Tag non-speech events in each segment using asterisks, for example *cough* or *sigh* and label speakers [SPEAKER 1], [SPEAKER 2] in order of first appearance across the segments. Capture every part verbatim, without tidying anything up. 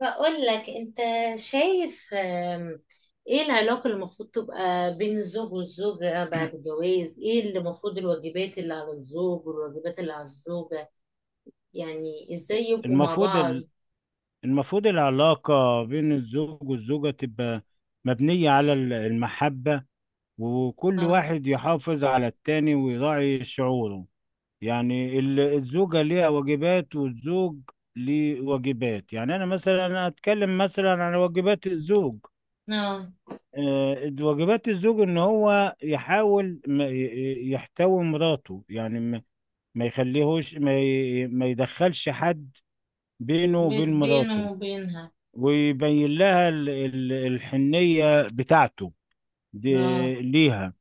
[SPEAKER 1] بقول لك انت شايف آم، ايه العلاقة اللي المفروض تبقى بين الزوج والزوجة بعد الجواز؟ ايه اللي المفروض الواجبات اللي على الزوج والواجبات اللي على الزوجة؟ يعني ازاي يبقوا مع
[SPEAKER 2] المفروض
[SPEAKER 1] بعض؟
[SPEAKER 2] ال- المفروض العلاقة بين الزوج والزوجة تبقى مبنية على ال- المحبة، وكل
[SPEAKER 1] اه،
[SPEAKER 2] واحد يحافظ على التاني ويراعي شعوره. يعني ال- الزوجة ليها واجبات والزوج ليه واجبات، يعني أنا مثلا أنا أتكلم مثلا عن واجبات الزوج.
[SPEAKER 1] اه،
[SPEAKER 2] آه، واجبات الزوج إن هو يحاول ما ي- ي- يحتوي مراته، يعني ما ما يخليهوش، ما ي- ما يدخلش حد بينه
[SPEAKER 1] بي-
[SPEAKER 2] وبين مراته،
[SPEAKER 1] بينه وبينها.
[SPEAKER 2] ويبين لها ال- ال- الحنية بتاعته دي
[SPEAKER 1] اه،
[SPEAKER 2] ليها.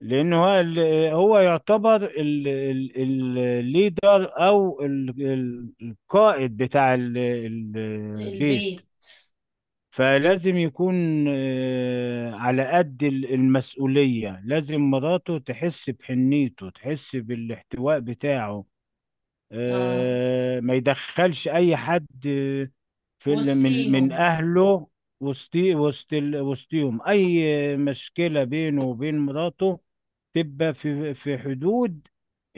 [SPEAKER 2] لأنه هو ال- هو يعتبر الليدر أو ال- ال- القائد بتاع ال- ال- البيت.
[SPEAKER 1] البيت.
[SPEAKER 2] فلازم يكون آه، على قد ال- المسؤولية. لازم مراته تحس بحنيته، تحس بالاحتواء بتاعه.
[SPEAKER 1] اه،
[SPEAKER 2] آه، ما يدخلش اي حد آه، في ال- من من
[SPEAKER 1] وصيهم.
[SPEAKER 2] اهله، وسط وسط ال- وسطهم. اي مشكله بينه وبين مراته تبقى في في حدود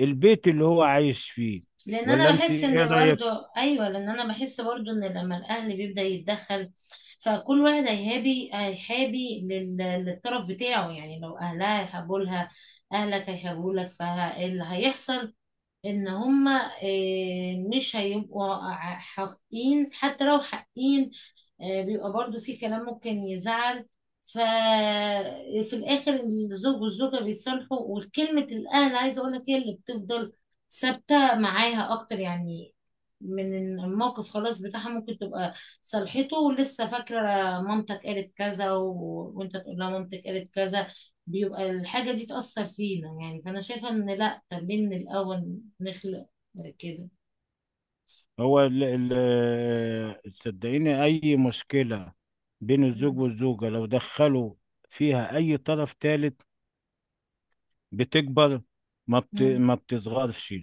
[SPEAKER 2] البيت اللي هو عايش فيه.
[SPEAKER 1] لان
[SPEAKER 2] ولا
[SPEAKER 1] انا
[SPEAKER 2] انت
[SPEAKER 1] بحس
[SPEAKER 2] ايه
[SPEAKER 1] ان برضو.
[SPEAKER 2] رايك؟
[SPEAKER 1] ايوه، لان انا بحس برضو ان لما الاهل بيبدا يتدخل، فكل واحد هيهابي هيحابي لل- للطرف بتاعه، يعني لو اهلها هيحبوا لها، اهلك هيحبوا لك، فاللي هيحصل ان هما آه، مش هيبقوا ع- حقين، حتى لو حقين آه، بيبقى برضو في كلام ممكن يزعل. ففي الاخر، الزوج والزوجة بيصالحوا، وكلمة الاهل عايزة اقول لك هي اللي بتفضل ثابتة معاها اكتر، يعني من الموقف خلاص بتاعها، ممكن تبقى صالحته ولسه فاكرة مامتك قالت كذا و... وانت تقول لها مامتك قالت كذا، بيبقى الحاجة دي تأثر فينا، يعني فأنا شايفة إن لأ، طب ليه من الأول نخلق كده؟
[SPEAKER 2] هو ال- ال- آه، صدقيني، اي مشكله بين الزوج
[SPEAKER 1] مم.
[SPEAKER 2] والزوجه لو دخلوا فيها اي طرف ثالث بتكبر، ما بت
[SPEAKER 1] مم.
[SPEAKER 2] ما بتصغرش.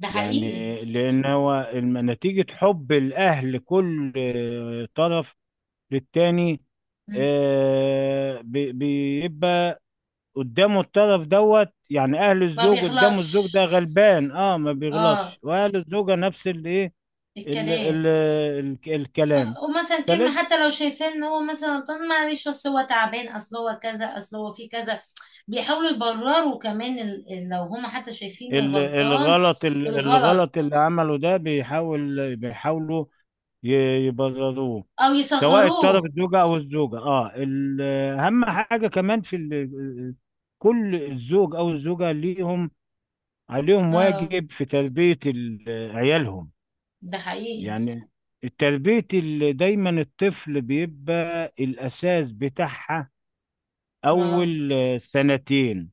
[SPEAKER 1] ده حقيقي.
[SPEAKER 2] يعني لأن هو الم- نتيجة حب الأهل كل آه، طرف للتاني
[SPEAKER 1] مم.
[SPEAKER 2] آه، بي- بيبقى قدامه الطرف دوت. يعني أهل
[SPEAKER 1] ما
[SPEAKER 2] الزوج قدامه الزوج ده
[SPEAKER 1] بيغلطش.
[SPEAKER 2] غلبان، اه، ما
[SPEAKER 1] اه،
[SPEAKER 2] بيغلطش، وأهل الزوجة نفس الإيه ال-
[SPEAKER 1] الكلام.
[SPEAKER 2] ال- ال- الكلام.
[SPEAKER 1] آه، ومثلا كلمة،
[SPEAKER 2] فلازم
[SPEAKER 1] حتى لو شايفين ان هو مثلا غلطان، معلش اصل هو تعبان، اصل هو كذا، اصل هو في كذا، بيحاولوا يبرروا كمان ال- ال- لو هما حتى شايفينه
[SPEAKER 2] ال-
[SPEAKER 1] غلطان.
[SPEAKER 2] الغلط ال-
[SPEAKER 1] الغلط
[SPEAKER 2] الغلط اللي عمله ده بيحاول بيحاولوا ي- يبرروه،
[SPEAKER 1] او
[SPEAKER 2] سواء الطرف
[SPEAKER 1] يصغروه.
[SPEAKER 2] الزوجة أو الزوجة، اه، ال- أهم حاجة كمان في ال- كل الزوج أو الزوجة ليهم عليهم
[SPEAKER 1] اه.
[SPEAKER 2] واجب في تربية ال- عيالهم.
[SPEAKER 1] ده حقيقي.
[SPEAKER 2] يعني التربية اللي دايما الطفل بيبقى الأساس بتاعها
[SPEAKER 1] اه.
[SPEAKER 2] أول سنتين.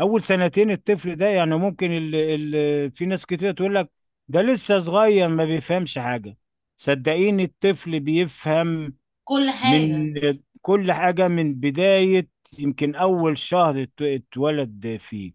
[SPEAKER 2] أول سنتين الطفل ده، يعني ممكن ال ال في ناس كتير تقول لك ده لسه صغير ما بيفهمش حاجة. صدقيني الطفل بيفهم
[SPEAKER 1] كل
[SPEAKER 2] من
[SPEAKER 1] حاجة.
[SPEAKER 2] كل حاجة، من بداية يمكن أول شهر ات- اتولد فيه.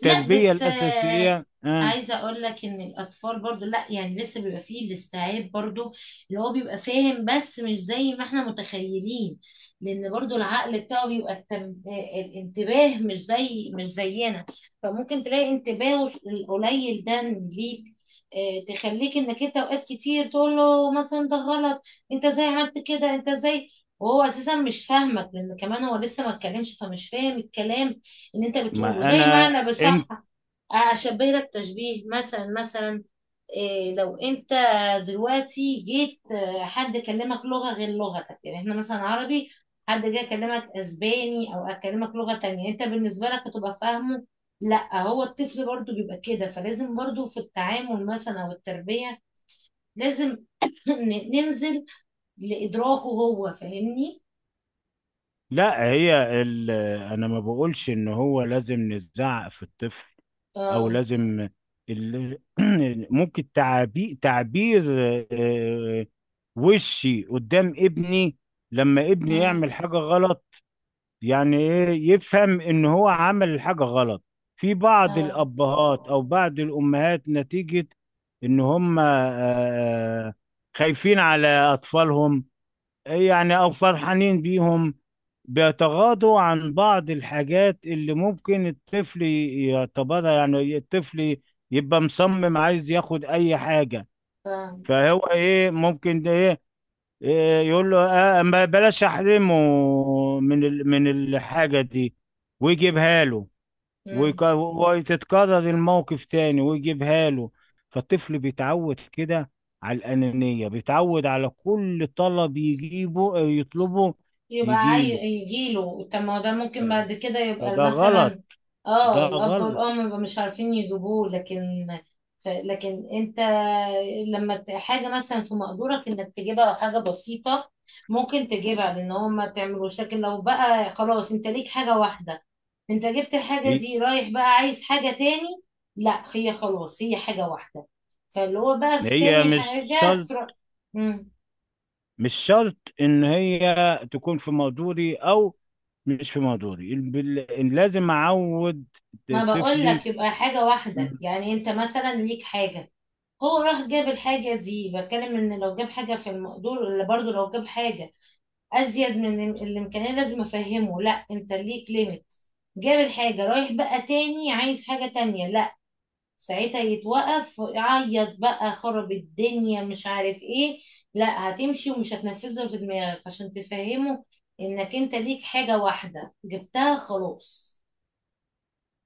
[SPEAKER 1] لا بس آه،
[SPEAKER 2] الأساسية. آه
[SPEAKER 1] عايزه اقول لك ان الاطفال برضو لا، يعني لسه بيبقى فيه الاستيعاب برضو، اللي هو بيبقى فاهم بس مش زي ما احنا متخيلين، لان برضو العقل بتاعه بيبقى التم... آه، الانتباه مش زي مش زينا، فممكن تلاقي انتباهه القليل ده ليك آه، تخليك انك انت اوقات كتير تقول له مثلا ده غلط، انت ازاي عملت كده؟ انت ازاي؟ وهو اساسا مش فاهمك، لان كمان هو لسه ما اتكلمش فمش فاهم الكلام اللي انت بتقوله.
[SPEAKER 2] ما
[SPEAKER 1] زي ما
[SPEAKER 2] أنا.
[SPEAKER 1] انا بصح
[SPEAKER 2] أنت.
[SPEAKER 1] اشبه لك تشبيه، مثلا مثلا إيه لو انت دلوقتي جيت آه، حد كلمك لغة غير لغتك؟ يعني احنا مثلا عربي، حد جاي يكلمك اسباني او اكلمك لغة تانية، انت بالنسبة لك هتبقى فاهمه؟ لا. هو الطفل برضو بيبقى كده، فلازم برضو في التعامل مثلا او التربية لازم *coughs* *clears throat* ن- ننزل لادراكه هو فاهمني.
[SPEAKER 2] لا، هي ال... أنا ما بقولش إن هو لازم نزعق في الطفل، أو
[SPEAKER 1] اه،
[SPEAKER 2] لازم ال... *clears throat* ممكن تعبير تعبير آه، وشي قدام ابني لما ابني يعمل
[SPEAKER 1] اه،
[SPEAKER 2] حاجة غلط، يعني ايه يفهم ان هو عمل الحاجة غلط. في بعض
[SPEAKER 1] اه،
[SPEAKER 2] الابهات او بعض الامهات نتيجة ان هم آه، آه، خايفين على اطفالهم، يعني او فرحانين بيهم، بيتغاضوا عن بعض الحاجات اللي ممكن الطفل يعتبرها. يعني الطفل يبقى مصمم عايز ياخد اي حاجة،
[SPEAKER 1] فاهم.
[SPEAKER 2] فهو ايه ممكن ده إيه إيه، يقول له آه ما بلاش احرمه من ال- من الحاجة دي، ويجيبها له، ويك- وتتكرر الموقف تاني ويجيبها له. فالطفل بيتعود كده على الأنانية، بيتعود على كل طلب يجيبه أو يطلبه
[SPEAKER 1] يبقى عاي...
[SPEAKER 2] يجيله.
[SPEAKER 1] يجيله، طب ما هو ده ممكن
[SPEAKER 2] ف-
[SPEAKER 1] بعد كده يبقى
[SPEAKER 2] فده غلط،
[SPEAKER 1] مثلا.
[SPEAKER 2] ده
[SPEAKER 1] اه، الاب
[SPEAKER 2] غلط.
[SPEAKER 1] والام يبقى مش عارفين يجيبوه، لكن ف... لكن انت لما ت- حاجه مثلا في مقدورك انك تجيبها، حاجه بسيطه ممكن تجيبها لان هو ما تعملوش. لكن لو بقى خلاص انت ليك حاجه واحده، انت جبت الحاجه
[SPEAKER 2] هي
[SPEAKER 1] دي رايح بقى عايز حاجه تاني؟ لا، هي خلاص هي حاجه واحده، فاللي هو بقى في
[SPEAKER 2] هي
[SPEAKER 1] تاني
[SPEAKER 2] مش
[SPEAKER 1] حاجه
[SPEAKER 2] شرط
[SPEAKER 1] تروح.
[SPEAKER 2] مش شرط ان هي تكون في مقدوري او مش في مقدوري الب- ال- بال- إن لازم اعود
[SPEAKER 1] ما بقول
[SPEAKER 2] طفلي.
[SPEAKER 1] لك يبقى حاجة واحدة، يعني انت مثلا ليك حاجة هو راح جاب الحاجة دي، بتكلم ان لو جاب حاجة في المقدور، ولا برضو لو جاب حاجة ازيد من الإم- الامكانية لازم افهمه لا انت ليك ليميت، جاب الحاجة رايح بقى تاني عايز حاجة تانية؟ لا. ساعتها يتوقف يعيط بقى خرب الدنيا مش عارف ايه، لا هتمشي ومش هتنفذها في دماغك عشان تفهمه انك انت ليك حاجة واحدة جبتها خلاص.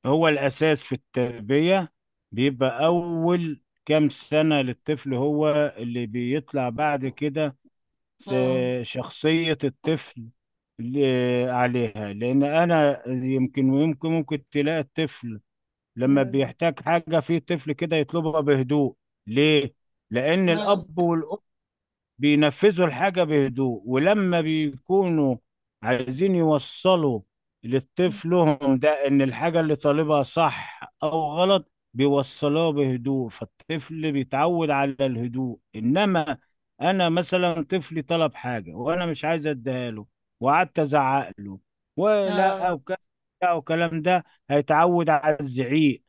[SPEAKER 2] هو الاساس في التربية بيبقى اول كام سنة للطفل، هو اللي بيطلع بعد كده س-
[SPEAKER 1] اه.
[SPEAKER 2] شخصية الطفل ل- عليها. لان انا يمكن ويمكن ممكن تلاقي الطفل لما
[SPEAKER 1] مم.
[SPEAKER 2] بيحتاج حاجة، في طفل كده يطلبها بهدوء. ليه؟ لأن
[SPEAKER 1] اه،
[SPEAKER 2] الأب والأم بينفذوا الحاجة بهدوء، ولما بيكونوا عايزين يوصلوا لطفلهم ده إن الحاجة اللي طالبها صح أو غلط بيوصلوها بهدوء، فالطفل بيتعود على الهدوء. إنما أنا مثلا طفلي طلب حاجة وأنا مش عايز أديها له، وقعدت أزعق له ولا
[SPEAKER 1] اه،
[SPEAKER 2] أو كذا أو كلام ده، هيتعود على الزعيق.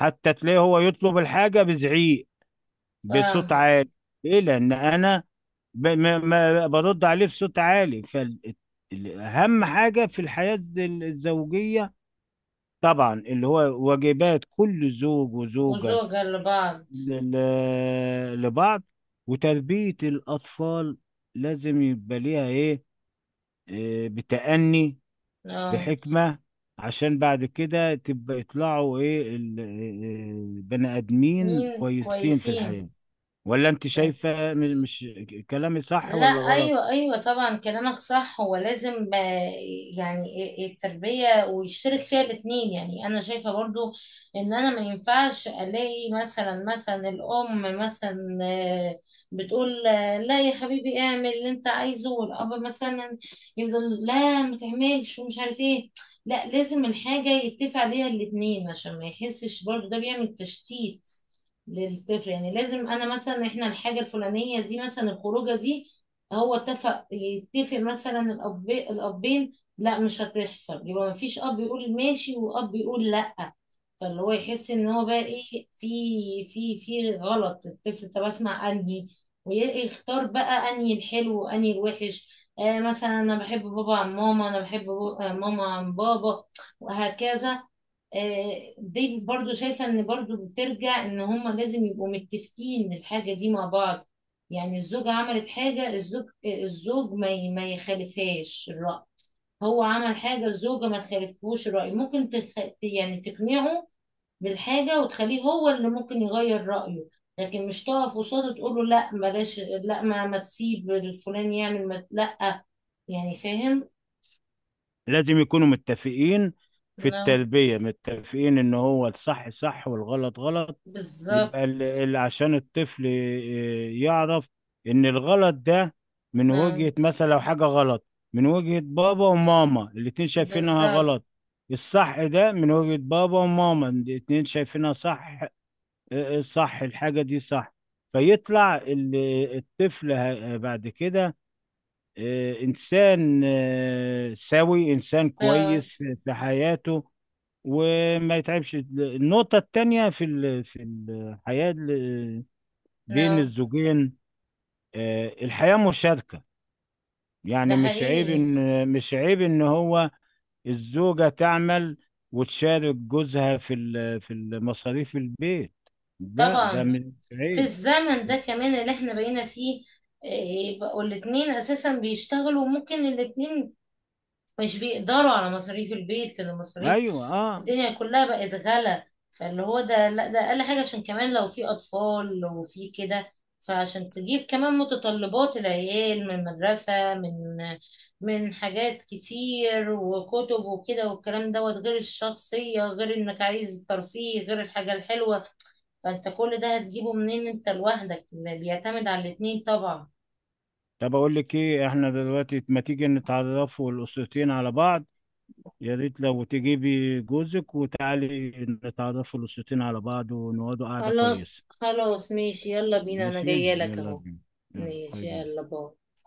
[SPEAKER 2] حتى تلاقيه هو يطلب الحاجة بزعيق، بصوت
[SPEAKER 1] فاهمة.
[SPEAKER 2] عالي. ليه؟ لان انا ب... ما... ما برد عليه بصوت عالي. فاهم حاجه في الحياه ال- الزوجيه؟ طبعا اللي هو واجبات كل زوج وزوجه
[SPEAKER 1] وزوجة لبعض.
[SPEAKER 2] ل... ل- لبعض، وتربيه الاطفال لازم يبقى ليها ايه، إيه، بتأني،
[SPEAKER 1] اه.
[SPEAKER 2] بحكمه، عشان بعد كده تبقى يطلعوا ايه ال- إيه، بني ادمين
[SPEAKER 1] مين
[SPEAKER 2] كويسين في
[SPEAKER 1] كويسين.
[SPEAKER 2] الحياه. ولا انت شايفة م- مش كلامي صح
[SPEAKER 1] لا،
[SPEAKER 2] ولا غلط؟
[SPEAKER 1] ايوه، ايوه، طبعا كلامك صح، هو لازم آه، يعني التربيه ويشترك فيها الاتنين، يعني انا شايفه برضو ان انا ما ينفعش الاقي مثلا مثلا الام مثلا آه، بتقول آه، لا يا حبيبي اعمل اللي انت عايزه، والاب مثلا يفضل لا ما تعملش ومش عارف ايه. لا، لازم الحاجه يتفق عليها الاتنين عشان ما يحسش برضو ده بيعمل تشتيت للطفل، يعني لازم انا مثلا، احنا الحاجه الفلانيه دي مثلا، الخروجه دي هو اتفق يتفق مثلا الاب الابين لا مش هتحصل، يبقى ما فيش اب يقول ماشي واب يقول لا، فاللي هو يحس ان هو بقى ايه في في في غلط الطفل، طب اسمع انهي، ويختار بقى انهي الحلو وانهي الوحش. آه مثلا انا بحب بابا عن ماما، انا بحب بو- آه، ماما عن بابا، وهكذا. آه، دي برضو شايفة ان برضو بترجع ان هما لازم يبقوا متفقين الحاجة دي مع بعض، يعني الزوجة عملت حاجة، الزوج الزوج ما ي- ما يخالفهاش الرأي، هو عمل حاجة الزوجة ما تخالفهوش الرأي، ممكن تخ... يعني تقنعه بالحاجة وتخليه هو اللي ممكن يغير رأيه، لكن مش تقف قصاده تقول له لا بلاش، لا ما ما تسيب الفلان يعمل ما... لا. يعني فاهم؟
[SPEAKER 2] لازم يكونوا متفقين في
[SPEAKER 1] نعم.
[SPEAKER 2] التلبية، متفقين ان هو الصح صح والغلط غلط،
[SPEAKER 1] بالظبط.
[SPEAKER 2] يبقى ال- ال- عشان الطفل ي- يعرف ان الغلط ده من
[SPEAKER 1] نعم.
[SPEAKER 2] وجهة، مثلا لو حاجة غلط من وجهة بابا وماما الاتنين شايفينها
[SPEAKER 1] بالظبط.
[SPEAKER 2] غلط، الصح ده من وجهة بابا وماما الاتنين شايفينها صح. اه، اه، صح الحاجة دي صح، فيطلع ال- الطفل ه- بعد كده آه، إنسان، آه، سوي، إنسان
[SPEAKER 1] اه.
[SPEAKER 2] كويس في في حياته وما يتعبش. النقطة التانية في ال- في الحياة ال- بين
[SPEAKER 1] نعم.
[SPEAKER 2] الزوجين، آه، الحياة مشاركة،
[SPEAKER 1] ده
[SPEAKER 2] يعني مش عيب
[SPEAKER 1] حقيقي.
[SPEAKER 2] إن مش عيب إن هو الزوجة تعمل وتشارك جوزها في ال- في المصاريف البيت، ده ده
[SPEAKER 1] طبعا.
[SPEAKER 2] مش
[SPEAKER 1] في
[SPEAKER 2] عيب.
[SPEAKER 1] الزمن ده كمان اللي احنا بقينا فيه إيه، بقوا الاتنين اساسا بيشتغلوا، وممكن الاتنين مش بيقدروا على مصاريف البيت، لان مصاريف
[SPEAKER 2] أيوه، أه.
[SPEAKER 1] الدنيا كلها بقت غلا، فاللي هو ده لا ده اقل حاجة، عشان كمان لو في اطفال وفي كده، فعشان تجيب كمان متطلبات العيال من مدرسة، من من حاجات كتير وكتب وكده والكلام دوت، غير الشخصية، غير انك عايز ترفيه، غير الحاجة الحلوة، فانت كل ده هتجيبه منين؟ انت لوحدك؟ اللي بيعتمد على الاتنين طبعا.
[SPEAKER 2] طب أقول لك إيه، إحنا دلوقتي ما تيجي نتعرفوا الأسرتين على بعض؟ يا ريت لو تجيبي جوزك وتعالي نتعرفوا الأسرتين على بعض ونقعدوا قعدة
[SPEAKER 1] خلاص
[SPEAKER 2] كويسة.
[SPEAKER 1] خلاص ماشي، يلا بينا، انا
[SPEAKER 2] ماشي،
[SPEAKER 1] جايه لك
[SPEAKER 2] يلا
[SPEAKER 1] اهو.
[SPEAKER 2] بينا. يلا، باي
[SPEAKER 1] ماشي،
[SPEAKER 2] باي.
[SPEAKER 1] يلا باي.